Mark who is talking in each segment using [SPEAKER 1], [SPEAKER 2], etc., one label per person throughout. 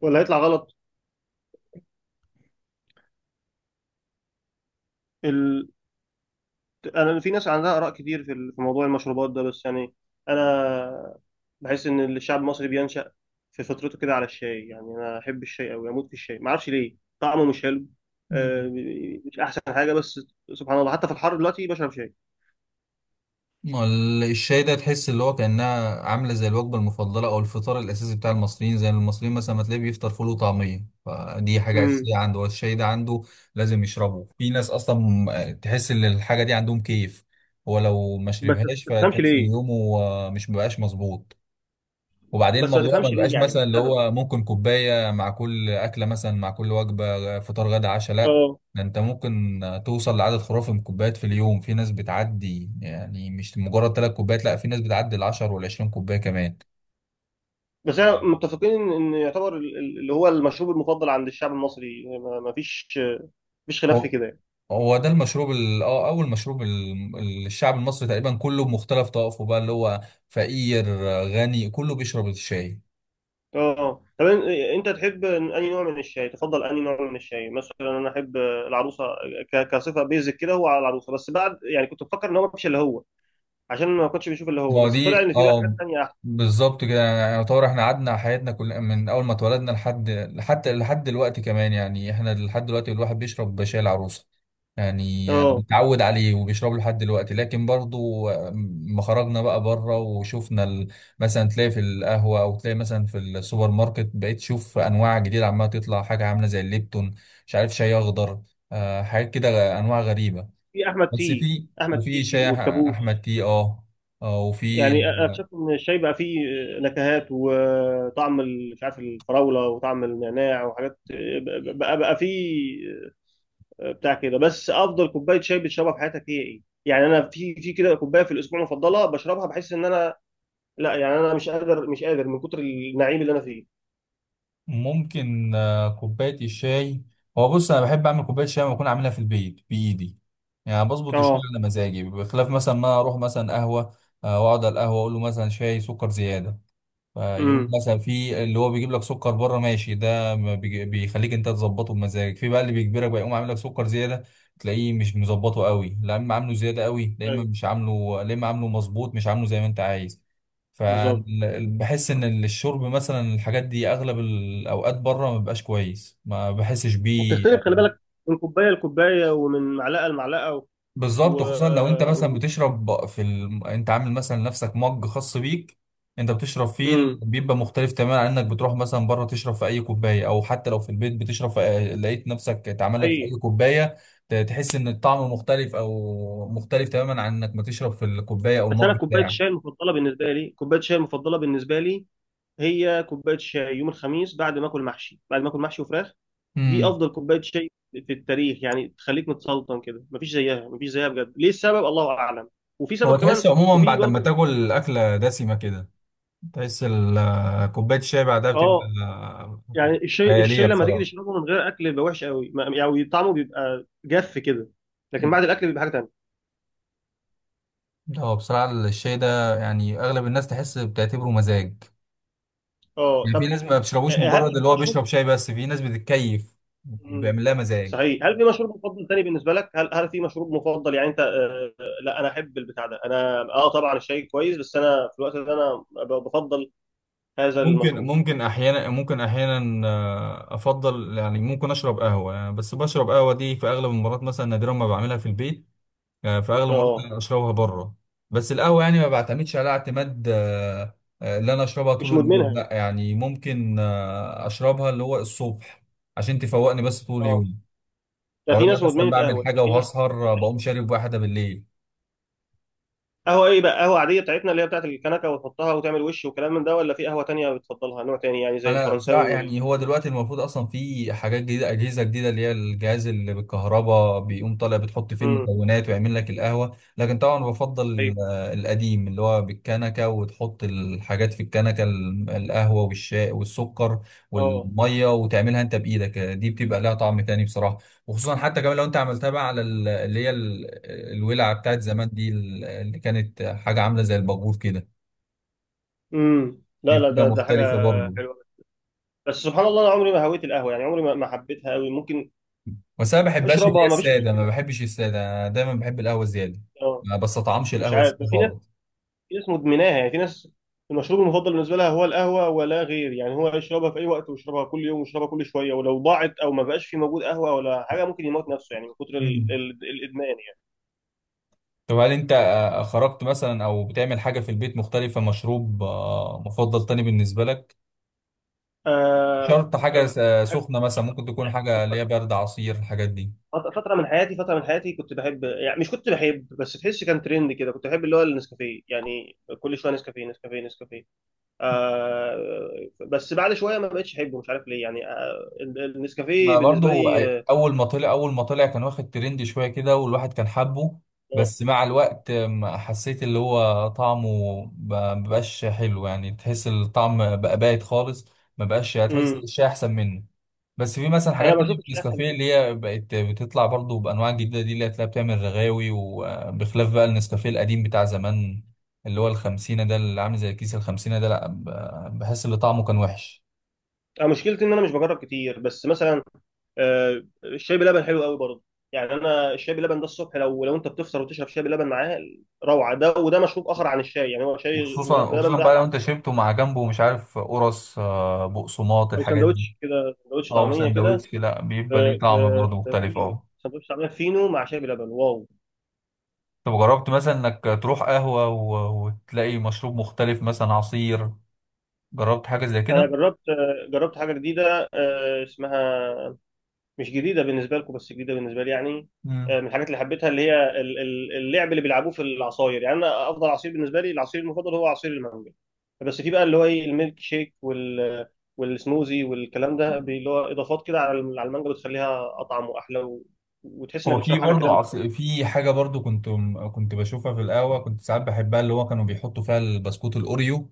[SPEAKER 1] ولا هيطلع غلط. ال... انا في ناس عندها اراء كتير في موضوع المشروبات ده، بس يعني انا بحس ان الشعب المصري بينشأ في فطرته كده على الشاي. يعني انا احب الشاي قوي، اموت في الشاي، ما اعرفش ليه طعمه مش حلو.
[SPEAKER 2] مم.
[SPEAKER 1] آه، مش احسن حاجه، بس سبحان الله حتى في الحر دلوقتي بشرب شاي.
[SPEAKER 2] الشاي ده تحس اللي هو كأنها عاملة زي الوجبة المفضلة أو الفطار الأساسي بتاع المصريين، زي المصريين مثلا ما تلاقيه بيفطر فول وطعمية، فدي حاجة
[SPEAKER 1] امم.
[SPEAKER 2] أساسية عنده. هو الشاي ده عنده لازم يشربه. في ناس أصلا تحس إن الحاجة دي عندهم كيف. هو لو ما
[SPEAKER 1] بس ما
[SPEAKER 2] شربهاش
[SPEAKER 1] تفهمش
[SPEAKER 2] فتحس إن
[SPEAKER 1] ليه
[SPEAKER 2] يومه مش مبقاش مظبوط. وبعدين
[SPEAKER 1] بس ما
[SPEAKER 2] الموضوع ما
[SPEAKER 1] تفهمش ليه
[SPEAKER 2] بيبقاش
[SPEAKER 1] يعني
[SPEAKER 2] مثلا اللي
[SPEAKER 1] السبب.
[SPEAKER 2] هو ممكن كوباية مع كل أكلة، مثلا مع كل وجبة فطار غدا عشاء، لا،
[SPEAKER 1] اه،
[SPEAKER 2] ده انت ممكن توصل لعدد خرافي من الكوبايات في اليوم. في ناس بتعدي، يعني مش مجرد 3 كوبايات، لا، في ناس بتعدي 10 والعشرين كوباية كمان.
[SPEAKER 1] بس احنا متفقين ان يعتبر اللي هو المشروب المفضل عند الشعب المصري، ما ما فيش مفيش خلاف في
[SPEAKER 2] هو
[SPEAKER 1] كده.
[SPEAKER 2] هو ده المشروب اول مشروب الشعب المصري تقريبا كله بمختلف طوائفه، بقى اللي هو فقير غني كله بيشرب الشاي.
[SPEAKER 1] اه طب. انت تحب انهي نوع من الشاي؟ تفضل انهي نوع من الشاي؟ مثلا انا احب العروسه. كصفه بيزك كده هو على العروسه، بس بعد يعني كنت بفكر ان هو مش اللي هو، عشان ما كنتش بشوف اللي هو،
[SPEAKER 2] ما هو
[SPEAKER 1] بس طلع
[SPEAKER 2] دي
[SPEAKER 1] ان في بقى حاجات
[SPEAKER 2] اه
[SPEAKER 1] تانية احلى.
[SPEAKER 2] بالظبط كده، يعني يعتبر احنا قعدنا حياتنا كل من اول ما اتولدنا لحد دلوقتي كمان. يعني احنا لحد دلوقتي الواحد بيشرب شاي العروسه، يعني
[SPEAKER 1] اه،
[SPEAKER 2] متعود عليه وبيشربه لحد دلوقتي. لكن برضو ما خرجنا بقى بره وشفنا مثلا تلاقي في القهوه او تلاقي مثلا في السوبر ماركت، بقيت تشوف انواع جديده عماله تطلع، حاجه عامله زي الليبتون، مش عارف، شاي اخضر، حاجات كده انواع غريبه.
[SPEAKER 1] في احمد
[SPEAKER 2] بس
[SPEAKER 1] تي.
[SPEAKER 2] في
[SPEAKER 1] احمد
[SPEAKER 2] وفي
[SPEAKER 1] تي
[SPEAKER 2] شاي
[SPEAKER 1] والكابوس.
[SPEAKER 2] احمد تي اه. وفي
[SPEAKER 1] يعني اكتشفت ان الشاي بقى فيه نكهات وطعم مش عارف الفراوله وطعم النعناع وحاجات بقى فيه، آه، بتاع كده. بس افضل كوبايه شاي بتشربها في حياتك هي ايه؟ يعني انا في كده كوبايه في الاسبوع مفضله بشربها، بحس ان انا، لا يعني انا مش قادر مش قادر من كتر النعيم اللي انا فيه.
[SPEAKER 2] ممكن كوبايه الشاي. هو بص انا بحب اعمل كوبايه شاي لما اكون عاملها في البيت بايدي، يعني بظبط الشاي
[SPEAKER 1] اه.
[SPEAKER 2] على مزاجي، بخلاف مثلا ما اروح مثلا قهوه. واقعد على القهوه اقول له مثلا شاي سكر زياده، فيقوم
[SPEAKER 1] امم.
[SPEAKER 2] مثلا في اللي هو بيجيب لك سكر بره. ماشي، ده ما بيخليك انت تظبطه بمزاجك. في بقى اللي بيجبرك بقى يقوم عامل لك سكر زياده، تلاقيه مش مظبطه قوي، لا اما عامله زياده قوي، لا اما
[SPEAKER 1] ايوه.
[SPEAKER 2] مش عامله، لا اما عامله مظبوط مش عامله زي ما انت عايز.
[SPEAKER 1] بالظبط.
[SPEAKER 2] فبحس ان الشرب مثلا الحاجات دي اغلب الاوقات بره ما بيبقاش كويس، ما بحسش بيه.
[SPEAKER 1] وبتختلف، خلي بالك، من كوبايه لكوبايه ومن معلقه لمعلقه. و,
[SPEAKER 2] بالظبط، خصوصا لو انت مثلا
[SPEAKER 1] و...
[SPEAKER 2] بتشرب في انت عامل مثلا لنفسك مج خاص بيك انت بتشرب فيه،
[SPEAKER 1] امم.
[SPEAKER 2] بيبقى مختلف تماما عن انك بتروح مثلا بره تشرب في اي كوبايه، او حتى لو في البيت بتشرب لقيت نفسك اتعمل لك في
[SPEAKER 1] صحيح.
[SPEAKER 2] اي كوبايه. تحس ان الطعم مختلف، او مختلف تماما عن انك ما تشرب في الكوبايه او
[SPEAKER 1] بس انا
[SPEAKER 2] المج بتاعك.
[SPEAKER 1] كوبايه الشاي المفضله بالنسبه لي هي كوبايه شاي يوم الخميس، بعد ما اكل محشي وفراخ. دي
[SPEAKER 2] امم.
[SPEAKER 1] افضل كوبايه شاي في التاريخ، يعني تخليك متسلطن كده، مفيش زيها مفيش زيها بجد، ليه السبب؟ الله اعلم. وفي
[SPEAKER 2] هو
[SPEAKER 1] سبب كمان،
[SPEAKER 2] تحس عموما
[SPEAKER 1] وفي
[SPEAKER 2] بعد ما
[SPEAKER 1] برضو.
[SPEAKER 2] تاكل اكله دسمه كده، تحس كوبايه الشاي بعدها بتبقى
[SPEAKER 1] اه، يعني الشاي
[SPEAKER 2] خياليه
[SPEAKER 1] الشاي لما تيجي
[SPEAKER 2] بصراحه.
[SPEAKER 1] تشربه من غير اكل بيبقى وحش قوي، يعني طعمه بيبقى جف كده. لكن بعد الاكل بيبقى حاجه تانيه.
[SPEAKER 2] هو بصراحة الشاي ده يعني أغلب الناس تحس بتعتبره مزاج،
[SPEAKER 1] اه
[SPEAKER 2] يعني في
[SPEAKER 1] طب.
[SPEAKER 2] ناس ما بيشربوش مجرد
[SPEAKER 1] هل في
[SPEAKER 2] اللي هو بيشرب
[SPEAKER 1] مشروب
[SPEAKER 2] شاي، بس في ناس بتتكيف
[SPEAKER 1] مم.
[SPEAKER 2] بيعمل لها مزاج.
[SPEAKER 1] صحيح. هل في مشروب مفضل تاني بالنسبه لك؟ هل في مشروب مفضل، يعني انت، آه، لا انا احب البتاع ده. انا، طبعا الشاي كويس، بس انا في الوقت ده انا بفضل هذا
[SPEAKER 2] ممكن
[SPEAKER 1] المشروب.
[SPEAKER 2] ممكن أحيانا ممكن أحيانا أفضل، يعني ممكن أشرب قهوة، يعني بس بشرب قهوة دي في أغلب المرات، مثلا نادرا ما بعملها في البيت. في أغلب المرات
[SPEAKER 1] اه،
[SPEAKER 2] أنا أشربها بره. بس القهوة يعني ما بعتمدش على اعتماد اللي أنا أشربها
[SPEAKER 1] مش
[SPEAKER 2] طول
[SPEAKER 1] مدمنها
[SPEAKER 2] اليوم،
[SPEAKER 1] يعني.
[SPEAKER 2] لا، يعني ممكن أشربها اللي هو الصبح عشان تفوقني، بس طول
[SPEAKER 1] اه،
[SPEAKER 2] اليوم
[SPEAKER 1] ده
[SPEAKER 2] او لو
[SPEAKER 1] في
[SPEAKER 2] انا
[SPEAKER 1] ناس
[SPEAKER 2] مثلا
[SPEAKER 1] مدمنه
[SPEAKER 2] بعمل
[SPEAKER 1] قهوه، يعني
[SPEAKER 2] حاجه
[SPEAKER 1] في ناس ما
[SPEAKER 2] وهسهر
[SPEAKER 1] تعيش من
[SPEAKER 2] بقوم
[SPEAKER 1] غيرها.
[SPEAKER 2] شارب واحده بالليل.
[SPEAKER 1] قهوه ايه بقى؟ قهوه عاديه بتاعتنا، اللي هي بتاعت الكنكه وتحطها وتعمل وش وكلام من ده، ولا في قهوه تانية بتفضلها نوع تاني، يعني زي
[SPEAKER 2] انا بصراحه
[SPEAKER 1] الفرنساوي
[SPEAKER 2] يعني هو دلوقتي المفروض اصلا في حاجات جديده اجهزه جديده، اللي هي الجهاز اللي بالكهرباء بيقوم طالع بتحط فيه
[SPEAKER 1] امم.
[SPEAKER 2] المكونات ويعمل لك القهوه. لكن طبعا بفضل
[SPEAKER 1] صحيح.
[SPEAKER 2] القديم اللي هو بالكنكه، وتحط الحاجات في الكنكه، القهوه والشاي والسكر
[SPEAKER 1] اه.
[SPEAKER 2] والميه وتعملها انت بايدك. دي بتبقى لها طعم تاني بصراحه، وخصوصا حتى كمان لو انت عملتها بقى على اللي هي الولعه بتاعت زمان دي، اللي كانت حاجه عامله زي الباجور كده،
[SPEAKER 1] امم.
[SPEAKER 2] دي
[SPEAKER 1] لا لا،
[SPEAKER 2] بتبقى
[SPEAKER 1] ده حاجه
[SPEAKER 2] مختلفة برضه.
[SPEAKER 1] حلوه. بس سبحان الله، انا عمري ما هويت القهوه، يعني عمري ما حبيتها قوي، ممكن
[SPEAKER 2] بس أنا ما بحبهاش اللي هي
[SPEAKER 1] اشربها ما فيش
[SPEAKER 2] السادة، ما
[SPEAKER 1] مشكله.
[SPEAKER 2] بحبش السادة، أنا دايما بحب القهوة زيادة.
[SPEAKER 1] اه،
[SPEAKER 2] ما بستطعمش
[SPEAKER 1] مش
[SPEAKER 2] القهوة
[SPEAKER 1] عارف.
[SPEAKER 2] السادة خالص.
[SPEAKER 1] في ناس مدمناها، يعني في ناس المشروب المفضل بالنسبه لها هو القهوه ولا غير، يعني هو يشربها في اي وقت ويشربها كل يوم ويشربها كل شويه، ولو ضاعت او ما بقاش في موجود قهوه ولا حاجه ممكن يموت نفسه، يعني من كتر
[SPEAKER 2] مم.
[SPEAKER 1] الادمان يعني.
[SPEAKER 2] طب هل أنت خرجت مثلا أو بتعمل حاجة في البيت مختلفة، مشروب مفضل تاني بالنسبة لك؟
[SPEAKER 1] آه،
[SPEAKER 2] شرط
[SPEAKER 1] آه،
[SPEAKER 2] حاجة
[SPEAKER 1] بحب-
[SPEAKER 2] سخنة، مثلا ممكن تكون حاجة اللي هي برد، عصير، الحاجات دي.
[SPEAKER 1] فتره من حياتي كنت بحب، يعني مش كنت بحب، بس تحس كان ترند كده، كنت بحب اللي هو النسكافيه، يعني كل شويه نسكافيه نسكافيه نسكافيه. آه، بس بعد شويه ما بقتش احبه، مش عارف ليه يعني. آه، النسكافيه
[SPEAKER 2] ما
[SPEAKER 1] بالنسبه
[SPEAKER 2] برضو
[SPEAKER 1] لي، آه،
[SPEAKER 2] اول ما طلع كان واخد ترند شويه كده والواحد كان حابه.
[SPEAKER 1] آه.
[SPEAKER 2] بس مع الوقت ما حسيت اللي هو طعمه، ما بقاش حلو، يعني تحس الطعم بقى بايت خالص، ما بقاش، هتحس
[SPEAKER 1] مم.
[SPEAKER 2] الشاي احسن منه. بس في مثلا
[SPEAKER 1] انا
[SPEAKER 2] حاجات تانية
[SPEAKER 1] بشوف
[SPEAKER 2] في
[SPEAKER 1] الشاي احسن
[SPEAKER 2] النسكافيه،
[SPEAKER 1] منه.
[SPEAKER 2] اللي هي بقت بتطلع برضو بانواع جديده دي، اللي هتلاقيها بتعمل رغاوي، وبخلاف بقى النسكافيه القديم بتاع زمان اللي هو الخمسينة ده، اللي عامل زي الكيس الخمسينة ده، لا، بحس ان طعمه كان وحش.
[SPEAKER 1] آه، مشكلتي ان انا مش بجرب كتير، بس مثلا آه، الشاي بلبن حلو قوي برضه. يعني انا الشاي بلبن ده الصبح، لو انت بتفطر وتشرب شاي بلبن معاه روعه. ده وده مشروب اخر عن الشاي، يعني هو شاي
[SPEAKER 2] وخصوصا
[SPEAKER 1] بلبن
[SPEAKER 2] وخصوصا بقى
[SPEAKER 1] ده
[SPEAKER 2] لو انت
[SPEAKER 1] مشروب آخر.
[SPEAKER 2] شربته مع جنبه مش عارف قرص بقسماط
[SPEAKER 1] او
[SPEAKER 2] الحاجات دي،
[SPEAKER 1] سندوتش كده، سندوتش
[SPEAKER 2] او
[SPEAKER 1] طعميه كده.
[SPEAKER 2] سندوتش، لا بيبقى ليه طعم برضه
[SPEAKER 1] في
[SPEAKER 2] مختلف
[SPEAKER 1] فينو.
[SPEAKER 2] اه.
[SPEAKER 1] سندوتش طعميه فينو مع شاي بلبن، واو.
[SPEAKER 2] طب جربت مثلا انك تروح قهوة وتلاقي مشروب مختلف مثلا عصير، جربت حاجة زي
[SPEAKER 1] انا
[SPEAKER 2] كده؟
[SPEAKER 1] جربت، آه، جربت حاجه جديده، آه، اسمها، مش جديده بالنسبه لكم بس جديده بالنسبه لي يعني.
[SPEAKER 2] مم.
[SPEAKER 1] آه، من الحاجات اللي حبيتها اللي هي اللعب اللي بيلعبوه في العصاير. يعني انا افضل عصير بالنسبه لي، العصير المفضل هو عصير المانجا. بس في بقى اللي هو ايه، الميلك شيك والسموزي والكلام ده، اللي هو اضافات كده على على المانجا، بتخليها اطعم واحلى وتحس انك
[SPEAKER 2] هو في
[SPEAKER 1] بتشرب حاجه كده
[SPEAKER 2] برضه عصير،
[SPEAKER 1] بتفوقك.
[SPEAKER 2] في حاجة برضه كنت بشوفها في القهوة، كنت ساعات بحبها، اللي هو كانوا بيحطوا فيها البسكوت الأوريو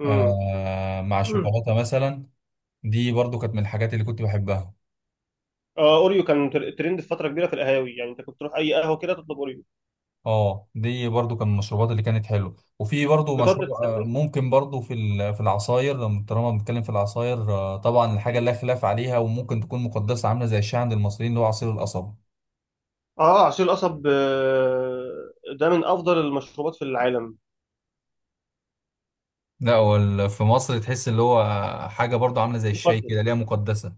[SPEAKER 1] امم.
[SPEAKER 2] مع
[SPEAKER 1] أمم.
[SPEAKER 2] شوكولاتة مثلا. دي برضه كانت من الحاجات اللي كنت بحبها.
[SPEAKER 1] آه، اوريو كان ترند في فتره كبيره في القهاوي. يعني انت كنت تروح اي قهوه كده تطلب اوريو.
[SPEAKER 2] اه دي برضو كان من المشروبات اللي كانت حلوه. وفي برضو
[SPEAKER 1] في فتره
[SPEAKER 2] مشروب
[SPEAKER 1] الثانوي.
[SPEAKER 2] ممكن برضو في في العصاير، لما طالما بنتكلم في العصاير، طبعا الحاجه لا
[SPEAKER 1] أمم.
[SPEAKER 2] خلاف عليها، وممكن تكون مقدسه عامله زي الشاي عند المصريين، اللي هو عصير القصب.
[SPEAKER 1] اه، عصير القصب، آه، ده من افضل المشروبات في العالم.
[SPEAKER 2] لا هو في مصر تحس اللي هو حاجه برضو عامله زي الشاي
[SPEAKER 1] مقدس.
[SPEAKER 2] كده ليها، مقدسه.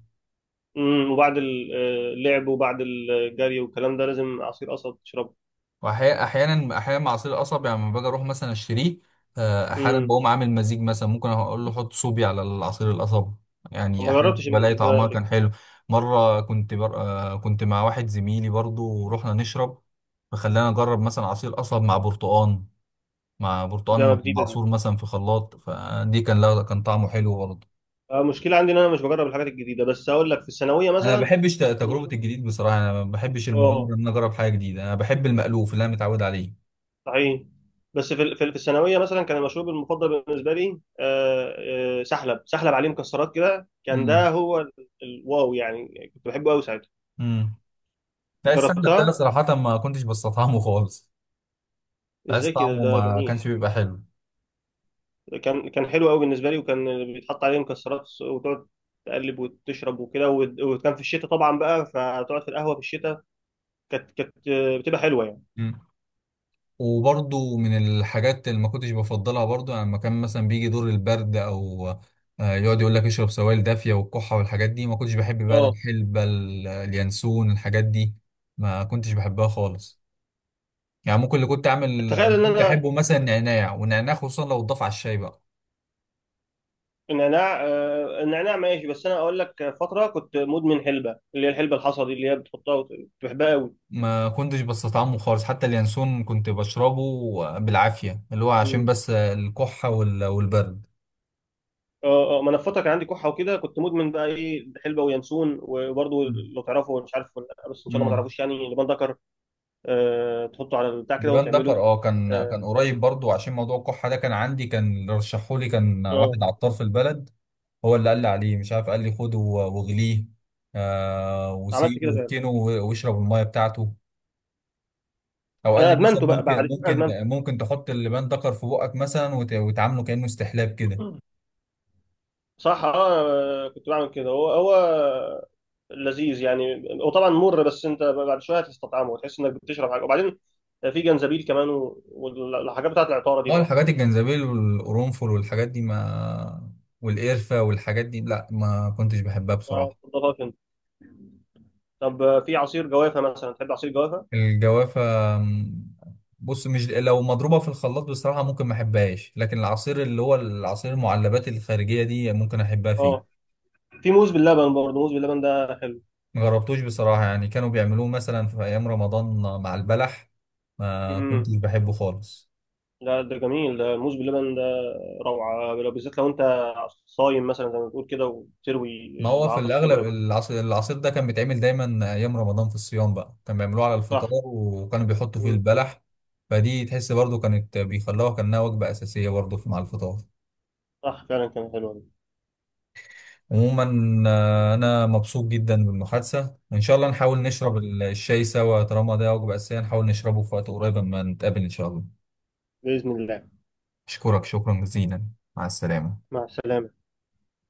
[SPEAKER 1] امم. وبعد آه، اللعب وبعد الجري والكلام ده لازم عصير قصب تشربه.
[SPEAKER 2] واحيانا احيانا احيانا مع عصير القصب، يعني لما باجي اروح مثلا اشتريه، احيانا
[SPEAKER 1] امم.
[SPEAKER 2] بقوم عامل مزيج، مثلا ممكن اقول له حط صوبي على العصير القصب، يعني
[SPEAKER 1] ما
[SPEAKER 2] احيانا
[SPEAKER 1] جربتش
[SPEAKER 2] بلاقي
[SPEAKER 1] المزيج ده
[SPEAKER 2] طعمها
[SPEAKER 1] قبل
[SPEAKER 2] كان
[SPEAKER 1] كده.
[SPEAKER 2] حلو. مره كنت بر... آه، كنت مع واحد زميلي برضو ورحنا نشرب، فخلانا نجرب مثلا عصير قصب مع برتقان، مع
[SPEAKER 1] ده
[SPEAKER 2] برتقان
[SPEAKER 1] جديده دي.
[SPEAKER 2] معصور مثلا في خلاط، فدي كان، لا كان طعمه حلو برضه.
[SPEAKER 1] آه، المشكله عندي ان انا مش بجرب الحاجات الجديده، بس اقول لك في الثانويه
[SPEAKER 2] انا ما
[SPEAKER 1] مثلا
[SPEAKER 2] بحبش
[SPEAKER 1] كان
[SPEAKER 2] تجربه
[SPEAKER 1] المشروب.
[SPEAKER 2] الجديد بصراحه، انا ما بحبش
[SPEAKER 1] اه،
[SPEAKER 2] المغامره ان انا اجرب حاجه جديده، انا بحب المألوف اللي انا متعود عليه.
[SPEAKER 1] صحيح. بس في الثانويه مثلا كان المشروب المفضل بالنسبه لي، آه، آه، سحلب. سحلب عليه مكسرات كده، كان ده هو الواو، يعني كنت بحبه قوي ساعتها.
[SPEAKER 2] امم. لا السمنة ده
[SPEAKER 1] جربتها.
[SPEAKER 2] صراحة ما كنتش بستطعمه خالص، بحس
[SPEAKER 1] ازاي كده؟
[SPEAKER 2] طعمه
[SPEAKER 1] ده
[SPEAKER 2] ما
[SPEAKER 1] جميل.
[SPEAKER 2] كانش بيبقى حلو.
[SPEAKER 1] كان حلو قوي بالنسبه لي، وكان بيتحط عليه مكسرات وتقعد تقلب وتشرب وكده وكان في الشتاء طبعا بقى، فتقعد في القهوه في الشتاء، كانت بتبقى حلوه يعني.
[SPEAKER 2] مم. وبرضو من الحاجات اللي ما كنتش بفضلها برضو، يعني لما كان مثلا بيجي دور البرد او يقعد يقول لك اشرب سوائل دافية والكحة والحاجات دي، ما كنتش بحب بقى
[SPEAKER 1] اه،
[SPEAKER 2] الحلبة اليانسون الحاجات دي، ما كنتش بحبها خالص. يعني ممكن اللي كنت اعمل
[SPEAKER 1] تخيل ان
[SPEAKER 2] كنت
[SPEAKER 1] انا
[SPEAKER 2] احبه مثلا نعناع، والنعناع خصوصا لو اتضاف على الشاي بقى.
[SPEAKER 1] النعناع، آه، النعناع ماشي. بس انا اقول لك فتره كنت مدمن حلبه، اللي هي الحلبه الحصى دي، اللي هي بتحطها كنت بحبها قوي.
[SPEAKER 2] ما كنتش بستطعمه خالص حتى اليانسون، كنت بشربه بالعافية اللي هو عشان
[SPEAKER 1] مم.
[SPEAKER 2] بس الكحة والبرد.
[SPEAKER 1] اه، اه، ما انا في فتره كان عندي كحه وكده كنت مدمن بقى ايه، حلبه وينسون وبرضه، لو تعرفوا مش عارف ولا لأ، بس ان شاء الله ما
[SPEAKER 2] امم.
[SPEAKER 1] تعرفوش، يعني لبان دكر. آه، تحطه على البتاع كده
[SPEAKER 2] لبان دكر،
[SPEAKER 1] وتعمله.
[SPEAKER 2] اه كان
[SPEAKER 1] آه،
[SPEAKER 2] كان قريب برضو عشان موضوع الكحة ده كان عندي، كان اللي رشحهولي كان
[SPEAKER 1] آه.
[SPEAKER 2] واحد عطار في البلد، هو اللي قال لي عليه مش عارف، قال لي خده واغليه،
[SPEAKER 1] عملت
[SPEAKER 2] وسيبه
[SPEAKER 1] كده فعلا.
[SPEAKER 2] واركنه واشرب المية بتاعته. او قال
[SPEAKER 1] انا
[SPEAKER 2] لي مثلا
[SPEAKER 1] ادمنته بقى
[SPEAKER 2] ممكن
[SPEAKER 1] بعد كده، ادمنته.
[SPEAKER 2] تحط اللبان دكر في بقك مثلا وتعامله كأنه استحلاب كده.
[SPEAKER 1] صح. اه، كنت بعمل كده. هو هو لذيذ، يعني هو طبعا مر، بس انت بعد شويه هتستطعمه وتحس انك بتشرب حاجه، وبعدين في جنزبيل كمان والحاجات بتاعت العطاره دي
[SPEAKER 2] اه
[SPEAKER 1] بقى.
[SPEAKER 2] الحاجات الجنزبيل والقرنفل والحاجات دي ما، والقرفة والحاجات دي، لا ما كنتش بحبها
[SPEAKER 1] ما
[SPEAKER 2] بصراحة.
[SPEAKER 1] تفضلهاش انت؟ طب في عصير جوافه مثلا؟ تحب عصير جوافه؟
[SPEAKER 2] الجوافة، م، بص مش لو مضروبة في الخلاط بصراحة ممكن ما احبهاش، لكن العصير اللي هو العصير المعلبات الخارجية دي ممكن احبها
[SPEAKER 1] اه،
[SPEAKER 2] فيه.
[SPEAKER 1] في موز باللبن برضه، موز باللبن ده حلو.
[SPEAKER 2] ما جربتوش بصراحة، يعني كانوا بيعملوه مثلا في ايام رمضان مع البلح، ما كنتش
[SPEAKER 1] امم.
[SPEAKER 2] بحبه خالص.
[SPEAKER 1] لا، ده جميل ده، الموز باللبن ده روعه، لو بالذات لو انت صايم مثلا زي ما بتقول كده، وتروي
[SPEAKER 2] ما هو في
[SPEAKER 1] العطش حلو
[SPEAKER 2] الأغلب
[SPEAKER 1] قوي.
[SPEAKER 2] العصير ده كان بيتعمل دايما أيام رمضان في الصيام، بقى كان بيعملوه على الفطار
[SPEAKER 1] صح.
[SPEAKER 2] وكانوا بيحطوا فيه البلح، فدي تحس برضو كانت بيخلوها كأنها وجبة أساسية برضو في مع الفطار.
[SPEAKER 1] صح فعلا، كان حلو والله.
[SPEAKER 2] عموما أنا مبسوط جدا بالمحادثة، وإن شاء الله نحاول
[SPEAKER 1] آه،
[SPEAKER 2] نشرب الشاي سوا، طالما ده وجبة أساسية نحاول نشربه في وقت قريب أما نتقابل إن شاء الله.
[SPEAKER 1] بإذن الله.
[SPEAKER 2] أشكرك شكرا جزيلا. مع السلامة.
[SPEAKER 1] مع السلامة.